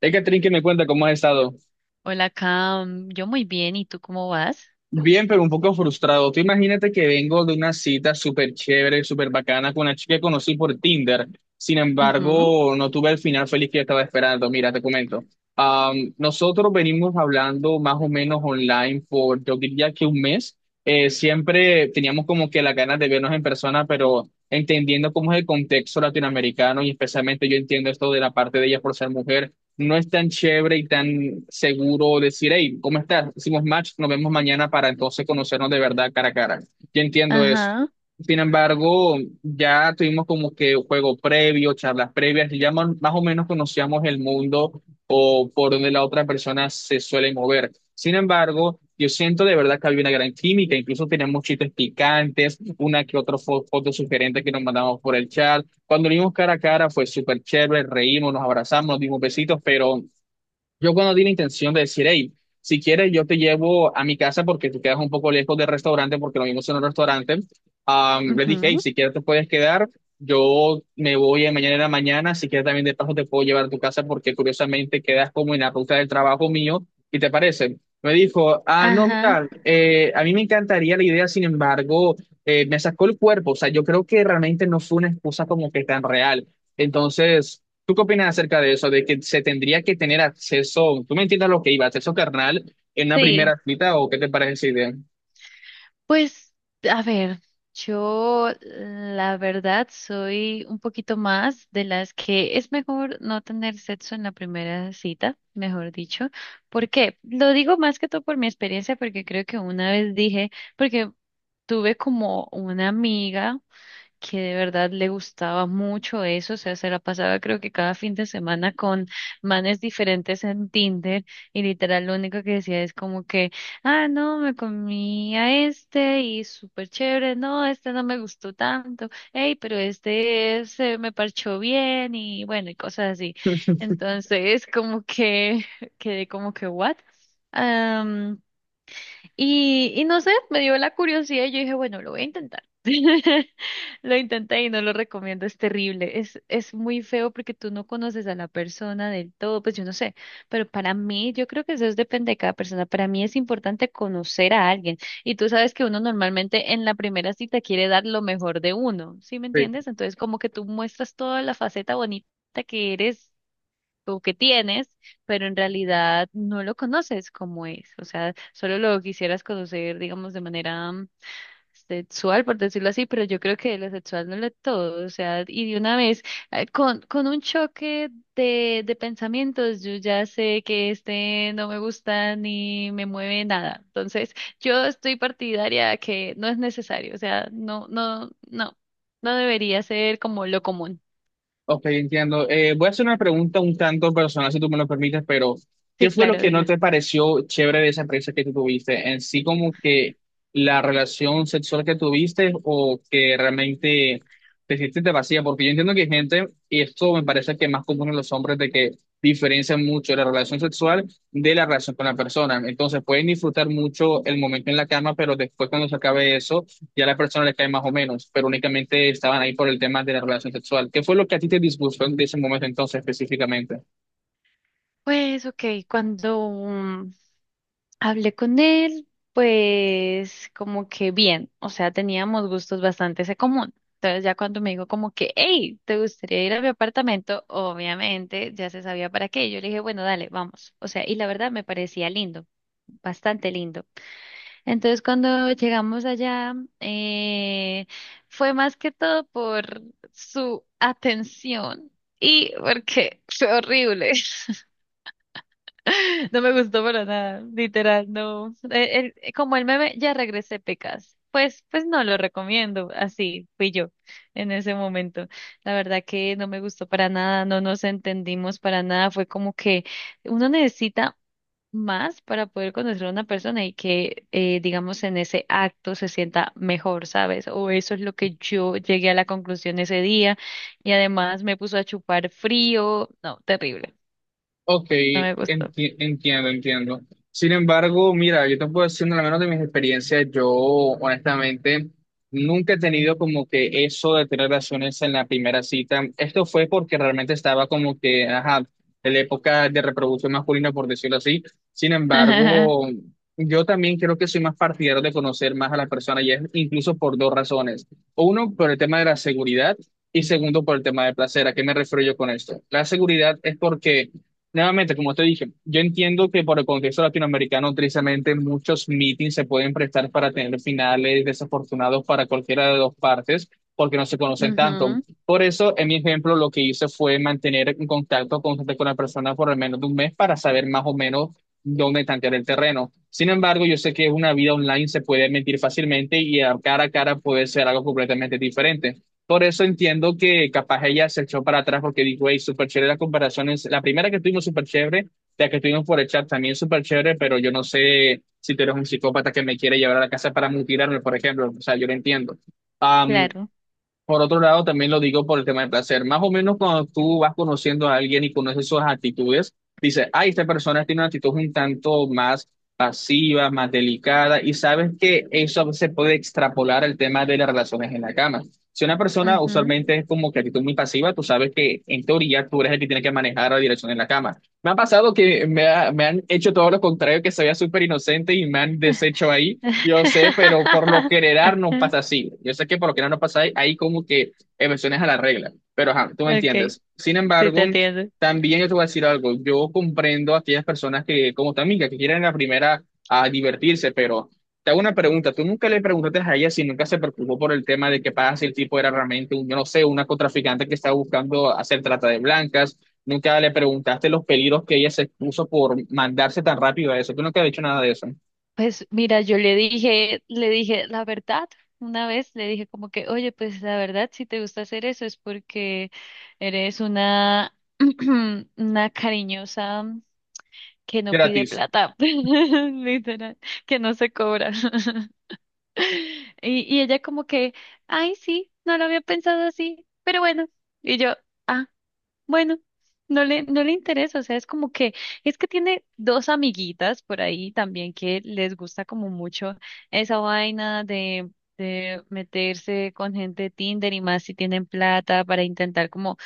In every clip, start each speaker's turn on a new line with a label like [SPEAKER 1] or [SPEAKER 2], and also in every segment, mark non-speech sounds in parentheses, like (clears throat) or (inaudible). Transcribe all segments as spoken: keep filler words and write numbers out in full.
[SPEAKER 1] Hey, Catherine, que me cuenta cómo has estado.
[SPEAKER 2] Hola, Cam. Yo muy bien. ¿Y tú cómo vas?
[SPEAKER 1] Bien, pero un poco frustrado. Tú imagínate que vengo de una cita súper chévere, súper bacana con una chica que conocí por Tinder. Sin
[SPEAKER 2] Ujú.
[SPEAKER 1] embargo, no tuve el final feliz que estaba esperando. Mira, te comento. Am, nosotros venimos hablando más o menos online por, yo diría que un mes. Eh, siempre teníamos como que las ganas de vernos en persona, pero entendiendo cómo es el contexto latinoamericano y especialmente yo entiendo esto de la parte de ella por ser mujer no es tan chévere y tan seguro decir, hey, ¿cómo estás? Hicimos match, nos vemos mañana para entonces conocernos de verdad cara a cara. Yo entiendo eso.
[SPEAKER 2] Ajá.
[SPEAKER 1] Sin embargo, ya tuvimos como que juego previo, charlas previas, y ya más, más o menos conocíamos el mundo o por donde la otra persona se suele mover. Sin embargo, yo siento de verdad que había una gran química, incluso teníamos chistes picantes, una que otra fo- foto sugerente que nos mandamos por el chat. Cuando lo vimos cara a cara fue súper chévere, reímos, nos abrazamos, nos dimos besitos, pero yo cuando di la intención de decir, hey, si quieres yo te llevo a mi casa porque tú quedas un poco lejos del restaurante, porque lo mismo es en un restaurante, am, le dije, hey,
[SPEAKER 2] Ujú.
[SPEAKER 1] si quieres te puedes quedar, yo me voy a mañana en la mañana, si quieres también de paso te puedo llevar a tu casa porque curiosamente quedas como en la ruta del trabajo mío, ¿y te parece? Me dijo, ah, no,
[SPEAKER 2] Ajá.
[SPEAKER 1] mira, eh, a mí me encantaría la idea, sin embargo, eh, me sacó el cuerpo, o sea, yo creo que realmente no fue una excusa como que tan real. Entonces, ¿tú qué opinas acerca de eso? De que se tendría que tener acceso, tú me entiendes a lo que iba, ¿acceso carnal en una
[SPEAKER 2] Sí.
[SPEAKER 1] primera cita o qué te parece esa idea?
[SPEAKER 2] Pues, a ver, yo la verdad soy un poquito más de las que es mejor no tener sexo en la primera cita, mejor dicho. ¿Por qué? Lo digo más que todo por mi experiencia, porque creo que una vez dije, porque tuve como una amiga. Que de verdad le gustaba mucho eso, o sea, se la pasaba creo que cada fin de semana con manes diferentes en Tinder y literal lo único que decía es como que, ah, no, me comí a este y súper chévere, no, este no me gustó tanto, hey, pero este se me parchó bien y bueno, y cosas así. Entonces, como que (laughs) quedé como que, ¿what? Y, y no sé, me dio la curiosidad y yo dije, bueno, lo voy a intentar. (laughs) Lo intenté y no lo recomiendo, es terrible, es, es muy feo porque tú no conoces a la persona del todo, pues yo no sé, pero para mí, yo creo que eso es- depende de cada persona, para mí es importante conocer a alguien y tú sabes que uno normalmente en la primera cita quiere dar lo mejor de uno, ¿sí me
[SPEAKER 1] Sí.
[SPEAKER 2] entiendes? Entonces como que tú muestras toda la faceta bonita que eres o que tienes, pero en realidad no lo conoces como es. O sea, solo lo quisieras conocer, digamos, de manera mm, sexual, por decirlo así, pero yo creo que lo sexual no lo es todo. O sea, y de una vez, eh, con, con un choque de, de pensamientos, yo ya sé que este no me gusta ni me mueve nada. Entonces, yo estoy partidaria a que no es necesario. O sea, no, no, no, no debería ser como lo común.
[SPEAKER 1] Ok, entiendo. Eh, voy a hacer una pregunta un tanto personal, si tú me lo permites, pero ¿qué
[SPEAKER 2] Sí,
[SPEAKER 1] fue lo
[SPEAKER 2] claro,
[SPEAKER 1] que no
[SPEAKER 2] dime.
[SPEAKER 1] te pareció chévere de esa experiencia que tú tuviste? En sí, como que la relación sexual que tuviste o que realmente te sentiste vacía, porque yo entiendo que hay gente, y esto me parece que es más común en los hombres, de que diferencian mucho la relación sexual de la relación con la persona. Entonces, pueden disfrutar mucho el momento en la cama, pero después cuando se acabe eso ya la persona le cae más o menos, pero únicamente estaban ahí por el tema de la relación sexual. ¿Qué fue lo que a ti te disgustó en ese momento entonces específicamente?
[SPEAKER 2] Pues, ok, cuando mm, hablé con él, pues como que bien, o sea, teníamos gustos bastante en común. Entonces ya cuando me dijo como que, hey, ¿te gustaría ir a mi apartamento? Obviamente ya se sabía para qué. Yo le dije, bueno, dale, vamos. O sea, y la verdad me parecía lindo, bastante lindo. Entonces cuando llegamos allá, eh, fue más que todo por su atención y porque fue horrible. (laughs) No me gustó para nada, literal, no. Eh, el- como el meme, ya regresé pecas. Pues, pues no lo recomiendo. Así fui yo en ese momento. La verdad que no me gustó para nada, no nos entendimos para nada. Fue como que uno necesita más para poder conocer a una persona y que, eh, digamos, en ese acto se sienta mejor, ¿sabes? O eso es lo que yo llegué a la conclusión ese día. Y además me puso a chupar frío. No, terrible.
[SPEAKER 1] Ok,
[SPEAKER 2] No me gustó.
[SPEAKER 1] enti- entiendo, entiendo. Sin embargo, mira, yo te puedo decir, no, al menos de mis experiencias, yo honestamente nunca he tenido como que eso de tener relaciones en la primera cita. Esto fue porque realmente estaba como que, ajá, en la época de reproducción masculina, por decirlo así. Sin
[SPEAKER 2] (laughs)
[SPEAKER 1] embargo, yo también creo que soy más partidario de conocer más a las personas y es incluso por dos razones. Uno, por el tema de la seguridad y segundo, por el tema de placer. ¿A qué me refiero yo con esto? La seguridad es porque nuevamente, como te dije, yo entiendo que por el contexto latinoamericano, tristemente, muchos meetings se pueden prestar para tener finales desafortunados para cualquiera de dos partes, porque no se conocen tanto.
[SPEAKER 2] Ujú.
[SPEAKER 1] Por eso, en mi ejemplo, lo que hice fue mantener un contacto constante con la persona por al menos de un mes para saber más o menos dónde tantear el terreno. Sin embargo, yo sé que una vida online se puede mentir fácilmente y a cara a cara puede ser algo completamente diferente. Por eso entiendo que capaz ella se echó para atrás porque dijo, hey, súper chévere las comparaciones. La primera que tuvimos súper chévere, la que tuvimos por el chat también súper chévere, pero yo no sé si tú eres un psicópata que me quiere llevar a la casa para mutilarme, por ejemplo. O sea, yo lo entiendo. Am,
[SPEAKER 2] Claro.
[SPEAKER 1] por otro lado, también lo digo por el tema del placer. Más o menos cuando tú vas conociendo a alguien y conoces sus actitudes, dices, ay, esta persona tiene una actitud un tanto más pasiva, más delicada, y sabes que eso se puede extrapolar al tema de las relaciones en la cama. Si una persona
[SPEAKER 2] Ujú.
[SPEAKER 1] usualmente es como que actitud muy pasiva, tú sabes que en teoría tú eres el que tiene que manejar la dirección en la cama. Me ha pasado que me, ha- me han hecho todo lo contrario, que se vea súper inocente y me han deshecho ahí. Yo sé, pero por lo
[SPEAKER 2] (laughs)
[SPEAKER 1] general no pasa así. Yo sé que por lo general no pasa ahí, ahí como que excepciones a la regla, pero ajá, tú me
[SPEAKER 2] Okay,
[SPEAKER 1] entiendes. Sin
[SPEAKER 2] sí
[SPEAKER 1] embargo,
[SPEAKER 2] te entiendo.
[SPEAKER 1] también yo te voy a decir algo. Yo comprendo a aquellas personas que, como tu amiga, que quieren la primera a divertirse, pero te hago una pregunta. ¿Tú nunca le preguntaste a ella si nunca se preocupó por el tema de que pasa si el tipo era realmente un, yo no sé, una contraficante que estaba buscando hacer trata de blancas? ¿Nunca le preguntaste los peligros que ella se expuso por mandarse tan rápido a eso? ¿Tú nunca has dicho nada de eso?
[SPEAKER 2] Pues mira, yo le dije, le dije la verdad. Una vez le dije como que, oye, pues la verdad, si te gusta hacer eso es porque eres una, (clears throat) una cariñosa que no pide
[SPEAKER 1] Gratis.
[SPEAKER 2] plata, (laughs) literal, que no se cobra. (laughs) Y, y ella como que, ay, sí, no lo había pensado así, pero bueno. Y yo, ah. Bueno, no le, no le interesa, o sea, es como que, es que tiene dos amiguitas por ahí también que les gusta como mucho esa vaina de, de meterse con gente de Tinder y más si tienen plata para intentar como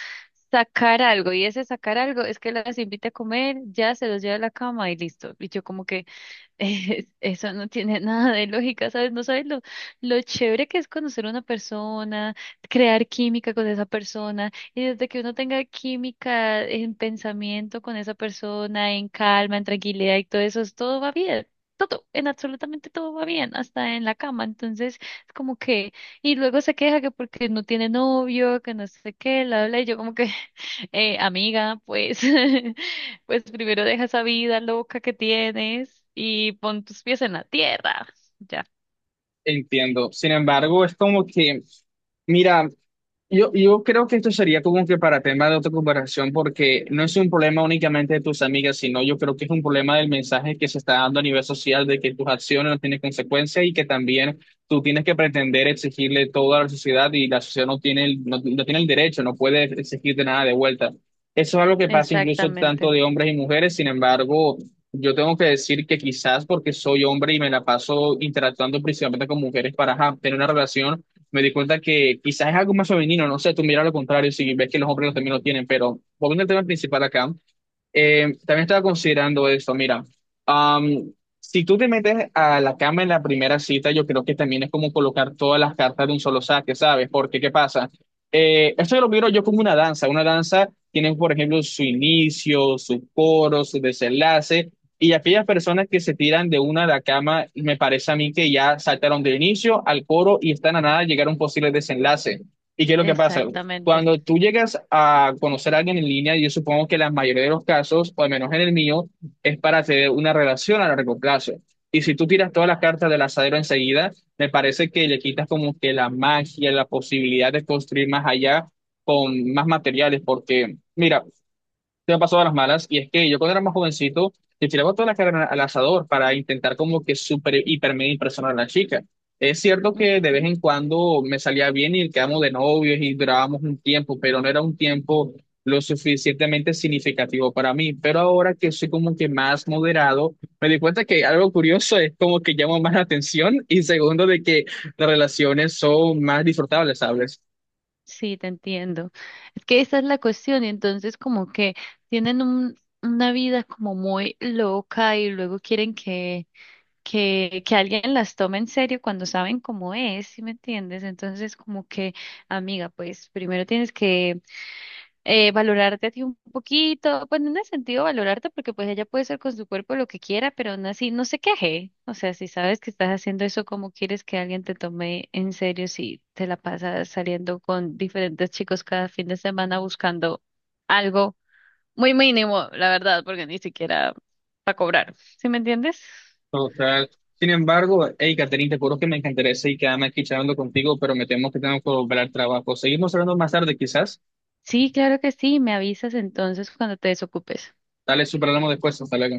[SPEAKER 2] sacar algo, y ese sacar algo es que las invita a comer, ya se los lleva a la cama y listo. Y yo como que (laughs) eh, eso no tiene nada de lógica, ¿sabes? No sabes lo, lo chévere que es conocer a una persona, crear química con esa persona, y desde que uno tenga química en pensamiento con esa persona, en calma, en tranquilidad y todo eso, es- todo va bien. Todo, en absolutamente todo va bien, hasta en la cama. Entonces, es como que, y luego se queja que porque no tiene novio, que no sé qué, la habla, y yo como que, (laughs) eh, amiga, pues, (laughs) pues primero deja esa vida loca que tienes y pon tus pies en la tierra. Ya,
[SPEAKER 1] Entiendo. Sin embargo, es como que, mira, yo, yo creo que esto sería como que para tema de otra conversación, porque no es un problema únicamente de tus amigas, sino yo creo que es un problema del mensaje que se está dando a nivel social de que tus acciones no tienen consecuencias y que también tú tienes que pretender exigirle todo a la sociedad y la sociedad no tiene el, no, no tiene el derecho, no puede exigirte nada de vuelta. Eso es algo que pasa incluso tanto
[SPEAKER 2] exactamente,
[SPEAKER 1] de hombres y mujeres, sin embargo, yo tengo que decir que quizás porque soy hombre y me la paso interactuando principalmente con mujeres para ajá, tener una relación me di cuenta que quizás es algo más femenino, no sé, tú miras lo contrario si ves que los hombres también lo tienen, pero volviendo al tema principal acá, eh, también estaba considerando esto, mira, am, si tú te metes a la cama en la primera cita, yo creo que también es como colocar todas las cartas de un solo saque, ¿sabes? Porque, ¿qué pasa? Eh, esto lo miro yo como una danza, una danza tiene, por ejemplo, su inicio, su coro, su desenlace, y aquellas personas que se tiran de una a la cama, me parece a mí que ya saltaron del inicio al coro y están a nada de llegar a un posible desenlace. ¿Y qué es lo que pasa?
[SPEAKER 2] exactamente.
[SPEAKER 1] Cuando tú llegas a conocer a alguien en línea, yo supongo que la mayoría de los casos, o al menos en el mío, es para tener una relación a largo plazo. Y si tú tiras todas las cartas del asadero enseguida, me parece que le quitas como que la magia, la posibilidad de construir más allá con más materiales, porque, mira, se me pasó a las malas, y es que yo cuando era más jovencito, le tiraba toda la carne al asador para intentar como que super, hiper, mega impresionar a la chica. Es cierto que de vez
[SPEAKER 2] Ujú.
[SPEAKER 1] en cuando me salía bien y quedamos de novios y durábamos un tiempo, pero no era un tiempo lo suficientemente significativo para mí. Pero ahora que soy como que más moderado, me di cuenta que algo curioso es como que llamo más la atención y segundo de que las relaciones son más disfrutables, ¿sabes?
[SPEAKER 2] Sí, te entiendo. Es que esa es la cuestión y entonces como que tienen un, una vida como muy loca y luego quieren que, que, que alguien las tome en serio cuando saben cómo es, ¿sí me entiendes? Entonces como que, amiga, pues primero tienes que eh, valorarte a ti un poquito, pues no en ese sentido valorarte porque pues ella puede hacer con su cuerpo lo que quiera, pero aún así no se queje. O sea, si sabes que estás haciendo eso, ¿cómo quieres que alguien te tome en serio si te la pasas saliendo con diferentes chicos cada fin de semana buscando algo muy mínimo, la verdad, porque ni siquiera para cobrar. ¿Sí me entiendes?
[SPEAKER 1] Total. Sin embargo, hey, Caterina, te juro que me encantaría seguir quedarme aquí charlando contigo, pero me temo que tengo que volver al trabajo. Seguimos hablando más tarde, quizás.
[SPEAKER 2] Sí, claro que sí, me avisas entonces cuando te desocupes.
[SPEAKER 1] Dale, superamos después. Hasta luego.